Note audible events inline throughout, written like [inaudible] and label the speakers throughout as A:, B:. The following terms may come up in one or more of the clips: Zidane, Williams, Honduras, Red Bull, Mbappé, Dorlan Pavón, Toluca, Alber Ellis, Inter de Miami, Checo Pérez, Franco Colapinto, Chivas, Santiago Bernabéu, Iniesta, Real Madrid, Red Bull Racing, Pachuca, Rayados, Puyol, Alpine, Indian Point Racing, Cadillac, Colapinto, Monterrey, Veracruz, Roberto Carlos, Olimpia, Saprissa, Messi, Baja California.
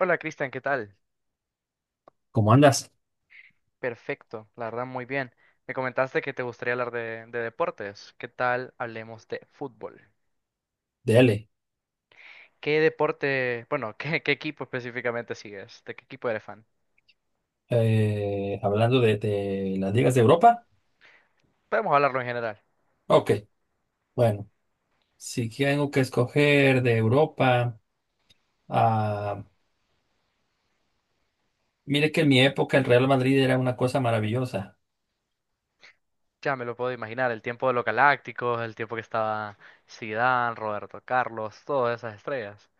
A: Hola Cristian, ¿qué tal?
B: ¿Cómo andas?
A: Perfecto, la verdad muy bien. Me comentaste que te gustaría hablar de deportes. ¿Qué tal hablemos de fútbol?
B: Dele.
A: ¿Qué deporte, bueno, [laughs] qué equipo específicamente sigues? ¿De qué equipo eres fan?
B: Hablando de las ligas de Europa.
A: Podemos hablarlo en general.
B: Ok, bueno, si tengo que escoger de Europa, ah, mire que en mi época el Real Madrid era una cosa maravillosa,
A: Ya me lo puedo imaginar, el tiempo de los Galácticos, el tiempo que estaba Zidane, Roberto Carlos, todas esas estrellas.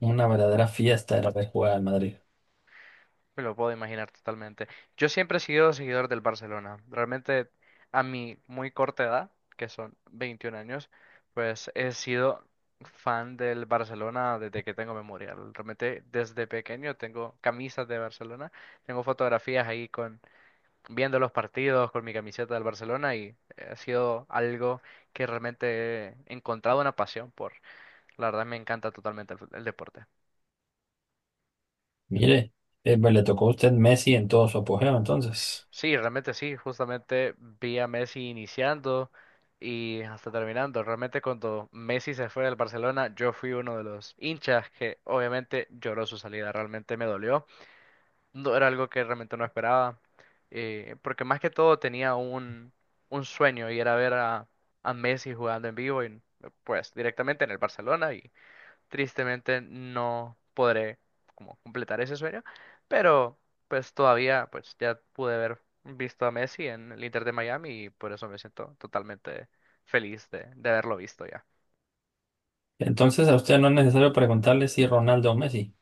B: una verdadera fiesta era ver jugar al Madrid.
A: Me lo puedo imaginar totalmente. Yo siempre he sido seguidor del Barcelona. Realmente a mi muy corta edad, que son 21 años, pues he sido fan del Barcelona desde que tengo memoria. Realmente desde pequeño tengo camisas de Barcelona, tengo fotografías ahí con viendo los partidos con mi camiseta del Barcelona y ha sido algo que realmente he encontrado una pasión por. La verdad me encanta totalmente el deporte.
B: Mire, pues le tocó a usted Messi en todo su apogeo, entonces.
A: Sí, realmente sí, justamente vi a Messi iniciando y hasta terminando. Realmente cuando Messi se fue del Barcelona, yo fui uno de los hinchas que obviamente lloró su salida, realmente me dolió. No era algo que realmente no esperaba, porque más que todo tenía un sueño y era ver a Messi jugando en vivo y pues directamente en el Barcelona. Tristemente no podré como completar ese sueño, pero pues todavía pues ya pude haber visto a Messi en el Inter de Miami y por eso me siento totalmente feliz de haberlo visto ya.
B: Entonces a usted no es necesario preguntarle si Ronaldo o Messi.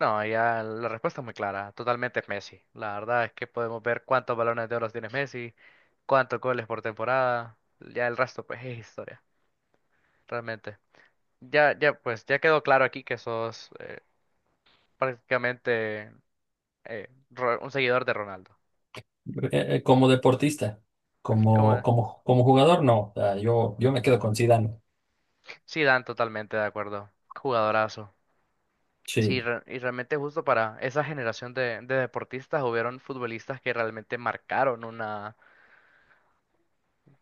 A: No, ya la respuesta es muy clara, totalmente es Messi. La verdad es que podemos ver cuántos balones de oro tiene Messi, cuántos goles por temporada, ya el resto pues es historia, realmente. Ya, ya pues ya quedó claro aquí que sos prácticamente, un seguidor de Ronaldo.
B: Como deportista,
A: ¿Cómo es?
B: como jugador, no. O sea, yo me quedo con Zidane.
A: Sí, Dan, totalmente de acuerdo. Jugadorazo. Sí,
B: Sí.
A: y realmente justo para esa generación de deportistas hubieron futbolistas que realmente marcaron una,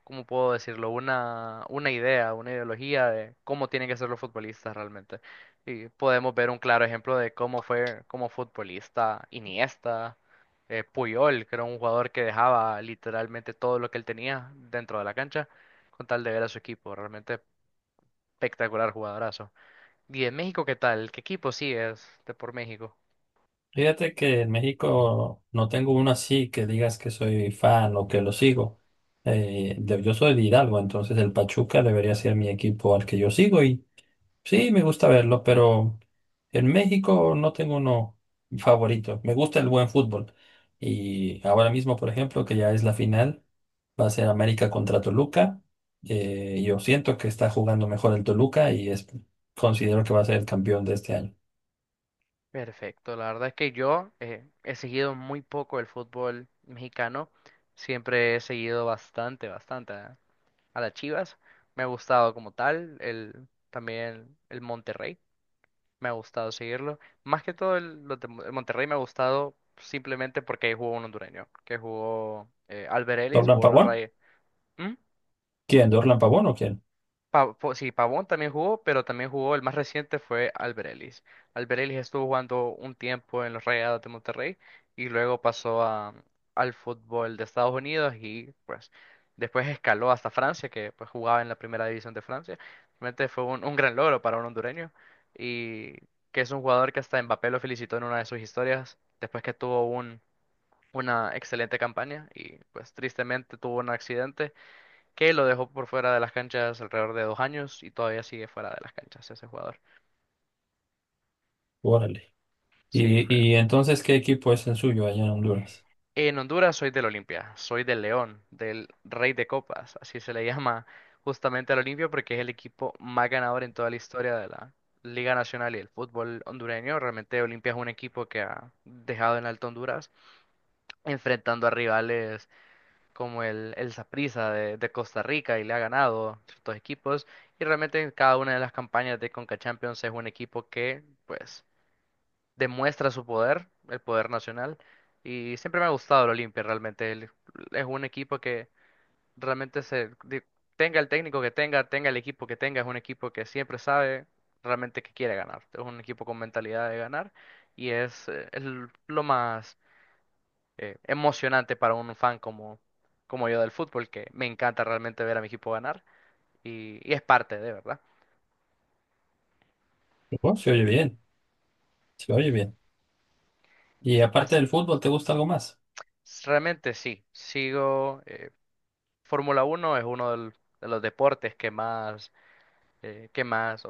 A: ¿cómo puedo decirlo? Una idea, una ideología de cómo tienen que ser los futbolistas realmente. Y podemos ver un claro ejemplo de cómo fue como futbolista Iniesta, Puyol, que era un jugador que dejaba literalmente todo lo que él tenía dentro de la cancha con tal de ver a su equipo. Realmente espectacular jugadorazo. ¿Y en México qué tal? ¿Qué equipo sigues de por México?
B: Fíjate que en México no tengo uno así que digas que soy fan o que lo sigo. Yo soy de Hidalgo, entonces el Pachuca debería ser mi equipo al que yo sigo y sí, me gusta verlo, pero en México no tengo uno favorito. Me gusta el buen fútbol. Y ahora mismo, por ejemplo, que ya es la final, va a ser América contra Toluca. Yo siento que está jugando mejor el Toluca considero que va a ser el campeón de este año.
A: Perfecto, la verdad es que yo he seguido muy poco el fútbol mexicano, siempre he seguido bastante, bastante a las Chivas, me ha gustado como tal, también el Monterrey, me ha gustado seguirlo, más que todo el Monterrey me ha gustado simplemente porque ahí jugó un hondureño, que jugó Alber Ellis,
B: ¿Dorlan
A: jugó en los
B: Pavón?
A: Rayes.
B: ¿Quién? ¿Dorlan Pavón o quién?
A: Sí, Pavón también jugó, pero también jugó, el más reciente fue Albert Ellis. Albert Ellis estuvo jugando un tiempo en los Rayados de Monterrey y luego al fútbol de Estados Unidos y pues después escaló hasta Francia, que pues jugaba en la primera división de Francia. Realmente fue un gran logro para un hondureño y que es un jugador que hasta Mbappé lo felicitó en una de sus historias después que tuvo una excelente campaña y pues tristemente tuvo un accidente que lo dejó por fuera de las canchas alrededor de 2 años y todavía sigue fuera de las canchas ese jugador.
B: Órale.
A: Sí, fue.
B: Y entonces qué equipo es el suyo allá en Honduras?
A: En Honduras soy del Olimpia, soy del León, del Rey de Copas, así se le llama justamente al Olimpia porque es el equipo más ganador en toda la historia de la Liga Nacional y el fútbol hondureño. Realmente Olimpia es un equipo que ha dejado en alto Honduras, enfrentando a rivales como el Saprissa de Costa Rica y le ha ganado ciertos equipos. Y realmente en cada una de las campañas de Conca Champions es un equipo que, pues, demuestra su poder, el poder nacional. Y siempre me ha gustado el Olimpia, realmente. Es un equipo que realmente tenga el técnico que tenga, tenga el equipo que tenga, es un equipo que siempre sabe realmente que quiere ganar. Es un equipo con mentalidad de ganar. Lo más emocionante para un fan como yo del fútbol, que me encanta realmente ver a mi equipo ganar y es parte de, ¿verdad?
B: ¿No? Se oye bien, se oye bien. Y aparte
A: As-
B: del fútbol, ¿te gusta algo más?
A: Realmente sí, sigo, Fórmula 1 es uno de los deportes que más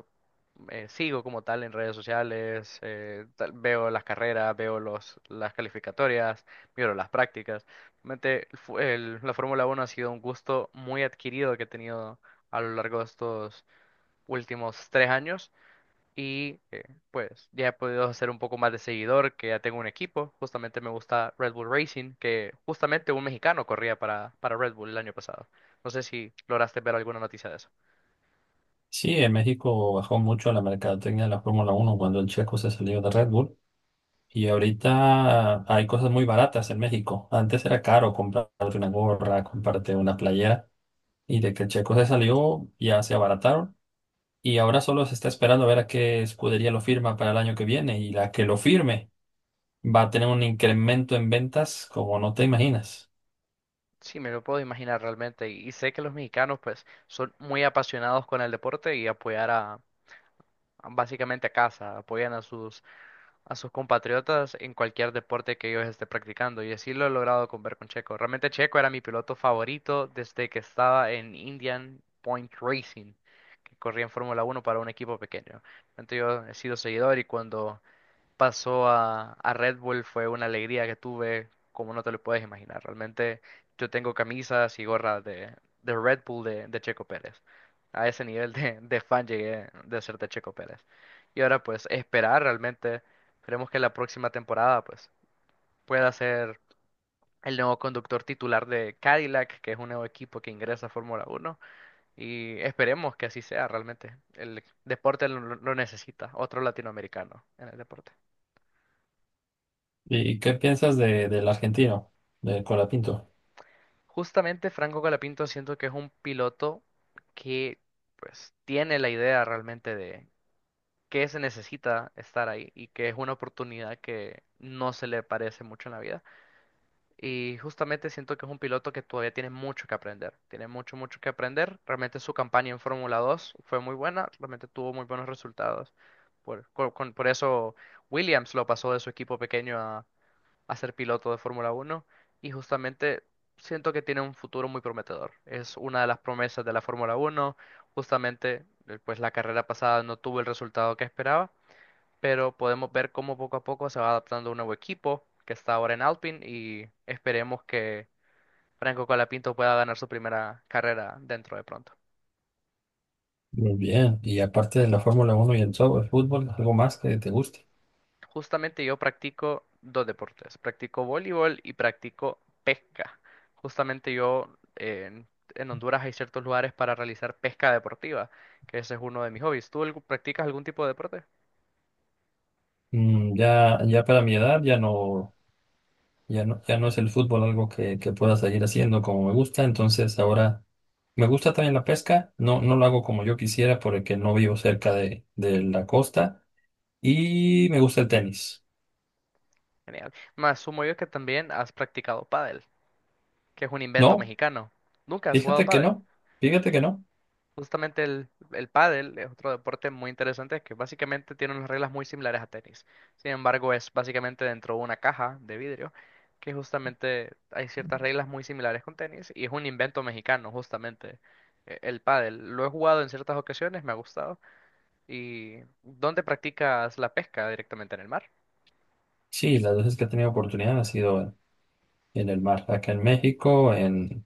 A: sigo como tal en redes sociales, veo las carreras, veo las calificatorias, miro las prácticas. Realmente la Fórmula 1 ha sido un gusto muy adquirido que he tenido a lo largo de estos últimos 3 años. Y pues ya he podido hacer un poco más de seguidor, que ya tengo un equipo. Justamente me gusta Red Bull Racing, que justamente un mexicano corría para Red Bull el año pasado. No sé si lograste ver alguna noticia de eso.
B: Sí, en México bajó mucho la mercadotecnia de la Fórmula Uno cuando el checo se salió de Red Bull. Y ahorita hay cosas muy baratas en México. Antes era caro comprarte una gorra, comprarte una playera. Y de que el checo se salió, ya se abarataron. Y ahora solo se está esperando a ver a qué escudería lo firma para el año que viene. Y la que lo firme va a tener un incremento en ventas como no te imaginas.
A: Sí, me lo puedo imaginar realmente. Y sé que los mexicanos pues son muy apasionados con el deporte y apoyar a básicamente a casa, apoyan a sus compatriotas en cualquier deporte que ellos esté practicando. Y así lo he logrado con ver con Checo. Realmente Checo era mi piloto favorito desde que estaba en Indian Point Racing, que corría en Fórmula 1 para un equipo pequeño. Entonces yo he sido seguidor y cuando pasó a Red Bull fue una alegría que tuve, como no te lo puedes imaginar. Realmente yo tengo camisas y gorras de Red Bull de Checo Pérez. A ese nivel de fan llegué de ser de Checo Pérez. Y ahora pues esperar realmente, esperemos que la próxima temporada pues pueda ser el nuevo conductor titular de Cadillac, que es un nuevo equipo que ingresa a Fórmula 1. Y esperemos que así sea realmente. El deporte lo necesita, otro latinoamericano en el deporte.
B: ¿Y qué piensas de, del argentino, del Colapinto?
A: Justamente Franco Colapinto siento que es un piloto que pues tiene la idea realmente de qué se necesita estar ahí y que es una oportunidad que no se le parece mucho en la vida. Y justamente siento que es un piloto que todavía tiene mucho que aprender, tiene mucho, mucho que aprender. Realmente su campaña en Fórmula 2 fue muy buena, realmente tuvo muy buenos resultados. Por eso Williams lo pasó de su equipo pequeño a ser piloto de Fórmula 1 y justamente siento que tiene un futuro muy prometedor. Es una de las promesas de la Fórmula 1. Justamente, pues la carrera pasada no tuvo el resultado que esperaba, pero podemos ver cómo poco a poco se va adaptando un nuevo equipo que está ahora en Alpine y esperemos que Franco Colapinto pueda ganar su primera carrera dentro de pronto.
B: Muy bien, y aparte de la Fórmula uno y el fútbol, algo más que te guste.
A: Justamente yo practico dos deportes. Practico voleibol y practico pesca. Justamente yo en Honduras hay ciertos lugares para realizar pesca deportiva, que ese es uno de mis hobbies. ¿Tú practicas algún tipo de deporte?
B: Mm, ya, ya para mi edad ya no, ya no, ya no es el fútbol algo que pueda seguir haciendo como me gusta, entonces ahora me gusta también la pesca, no, no lo hago como yo quisiera porque no vivo cerca de la costa y me gusta el tenis.
A: Genial. Me asumo yo que también has practicado pádel, que es un invento
B: No,
A: mexicano. ¿Nunca has jugado
B: fíjate que
A: pádel?
B: no, fíjate que no.
A: Justamente el pádel es otro deporte muy interesante que básicamente tiene unas reglas muy similares a tenis. Sin embargo, es básicamente dentro de una caja de vidrio que justamente hay ciertas reglas muy similares con tenis y es un invento mexicano justamente, el pádel. Lo he jugado en ciertas ocasiones, me ha gustado. ¿Y dónde practicas la pesca? ¿Directamente en el mar?
B: Sí, las veces que he tenido oportunidad ha sido en el mar, acá en México, en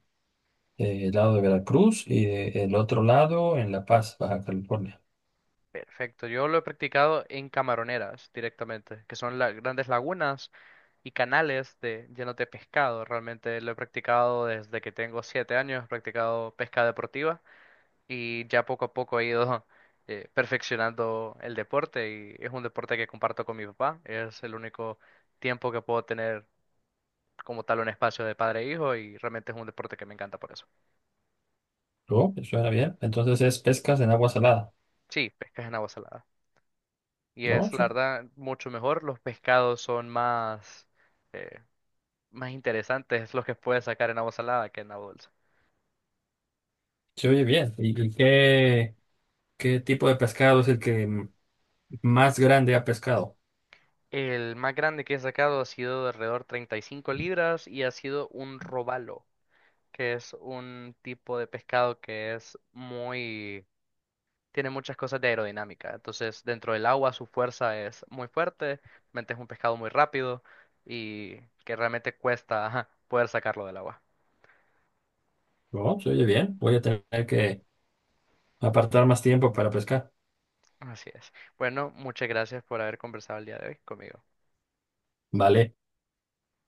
B: el lado de Veracruz el otro lado en La Paz, Baja California.
A: Perfecto, yo lo he practicado en camaroneras directamente, que son las grandes lagunas y canales llenos de pescado. Realmente lo he practicado desde que tengo 7 años, he practicado pesca deportiva y ya poco a poco he ido [laughs] perfeccionando el deporte y es un deporte que comparto con mi papá. Es el único tiempo que puedo tener como tal un espacio de padre e hijo y realmente es un deporte que me encanta por eso.
B: ¿No? Me suena bien. Entonces es pescas en agua salada.
A: Sí, pescas en agua salada. Y
B: ¿No?
A: es, la
B: ¿Su-
A: verdad, mucho mejor. Los pescados son eh, más interesantes los que puedes sacar en agua salada que en agua dulce.
B: se oye bien. Y qué, qué tipo de pescado es más grande ha pescado?
A: El más grande que he sacado ha sido de alrededor 35 libras y ha sido un robalo, que es un tipo de pescado que es muy. Tiene muchas cosas de aerodinámica. Entonces, dentro del agua su fuerza es muy fuerte, realmente es un pescado muy rápido y que realmente cuesta, ajá, poder sacarlo del agua.
B: ¿No? Se oye bien. Voy a tener que apartar más tiempo para pescar.
A: Así es. Bueno, muchas gracias por haber conversado el día de hoy conmigo.
B: Vale.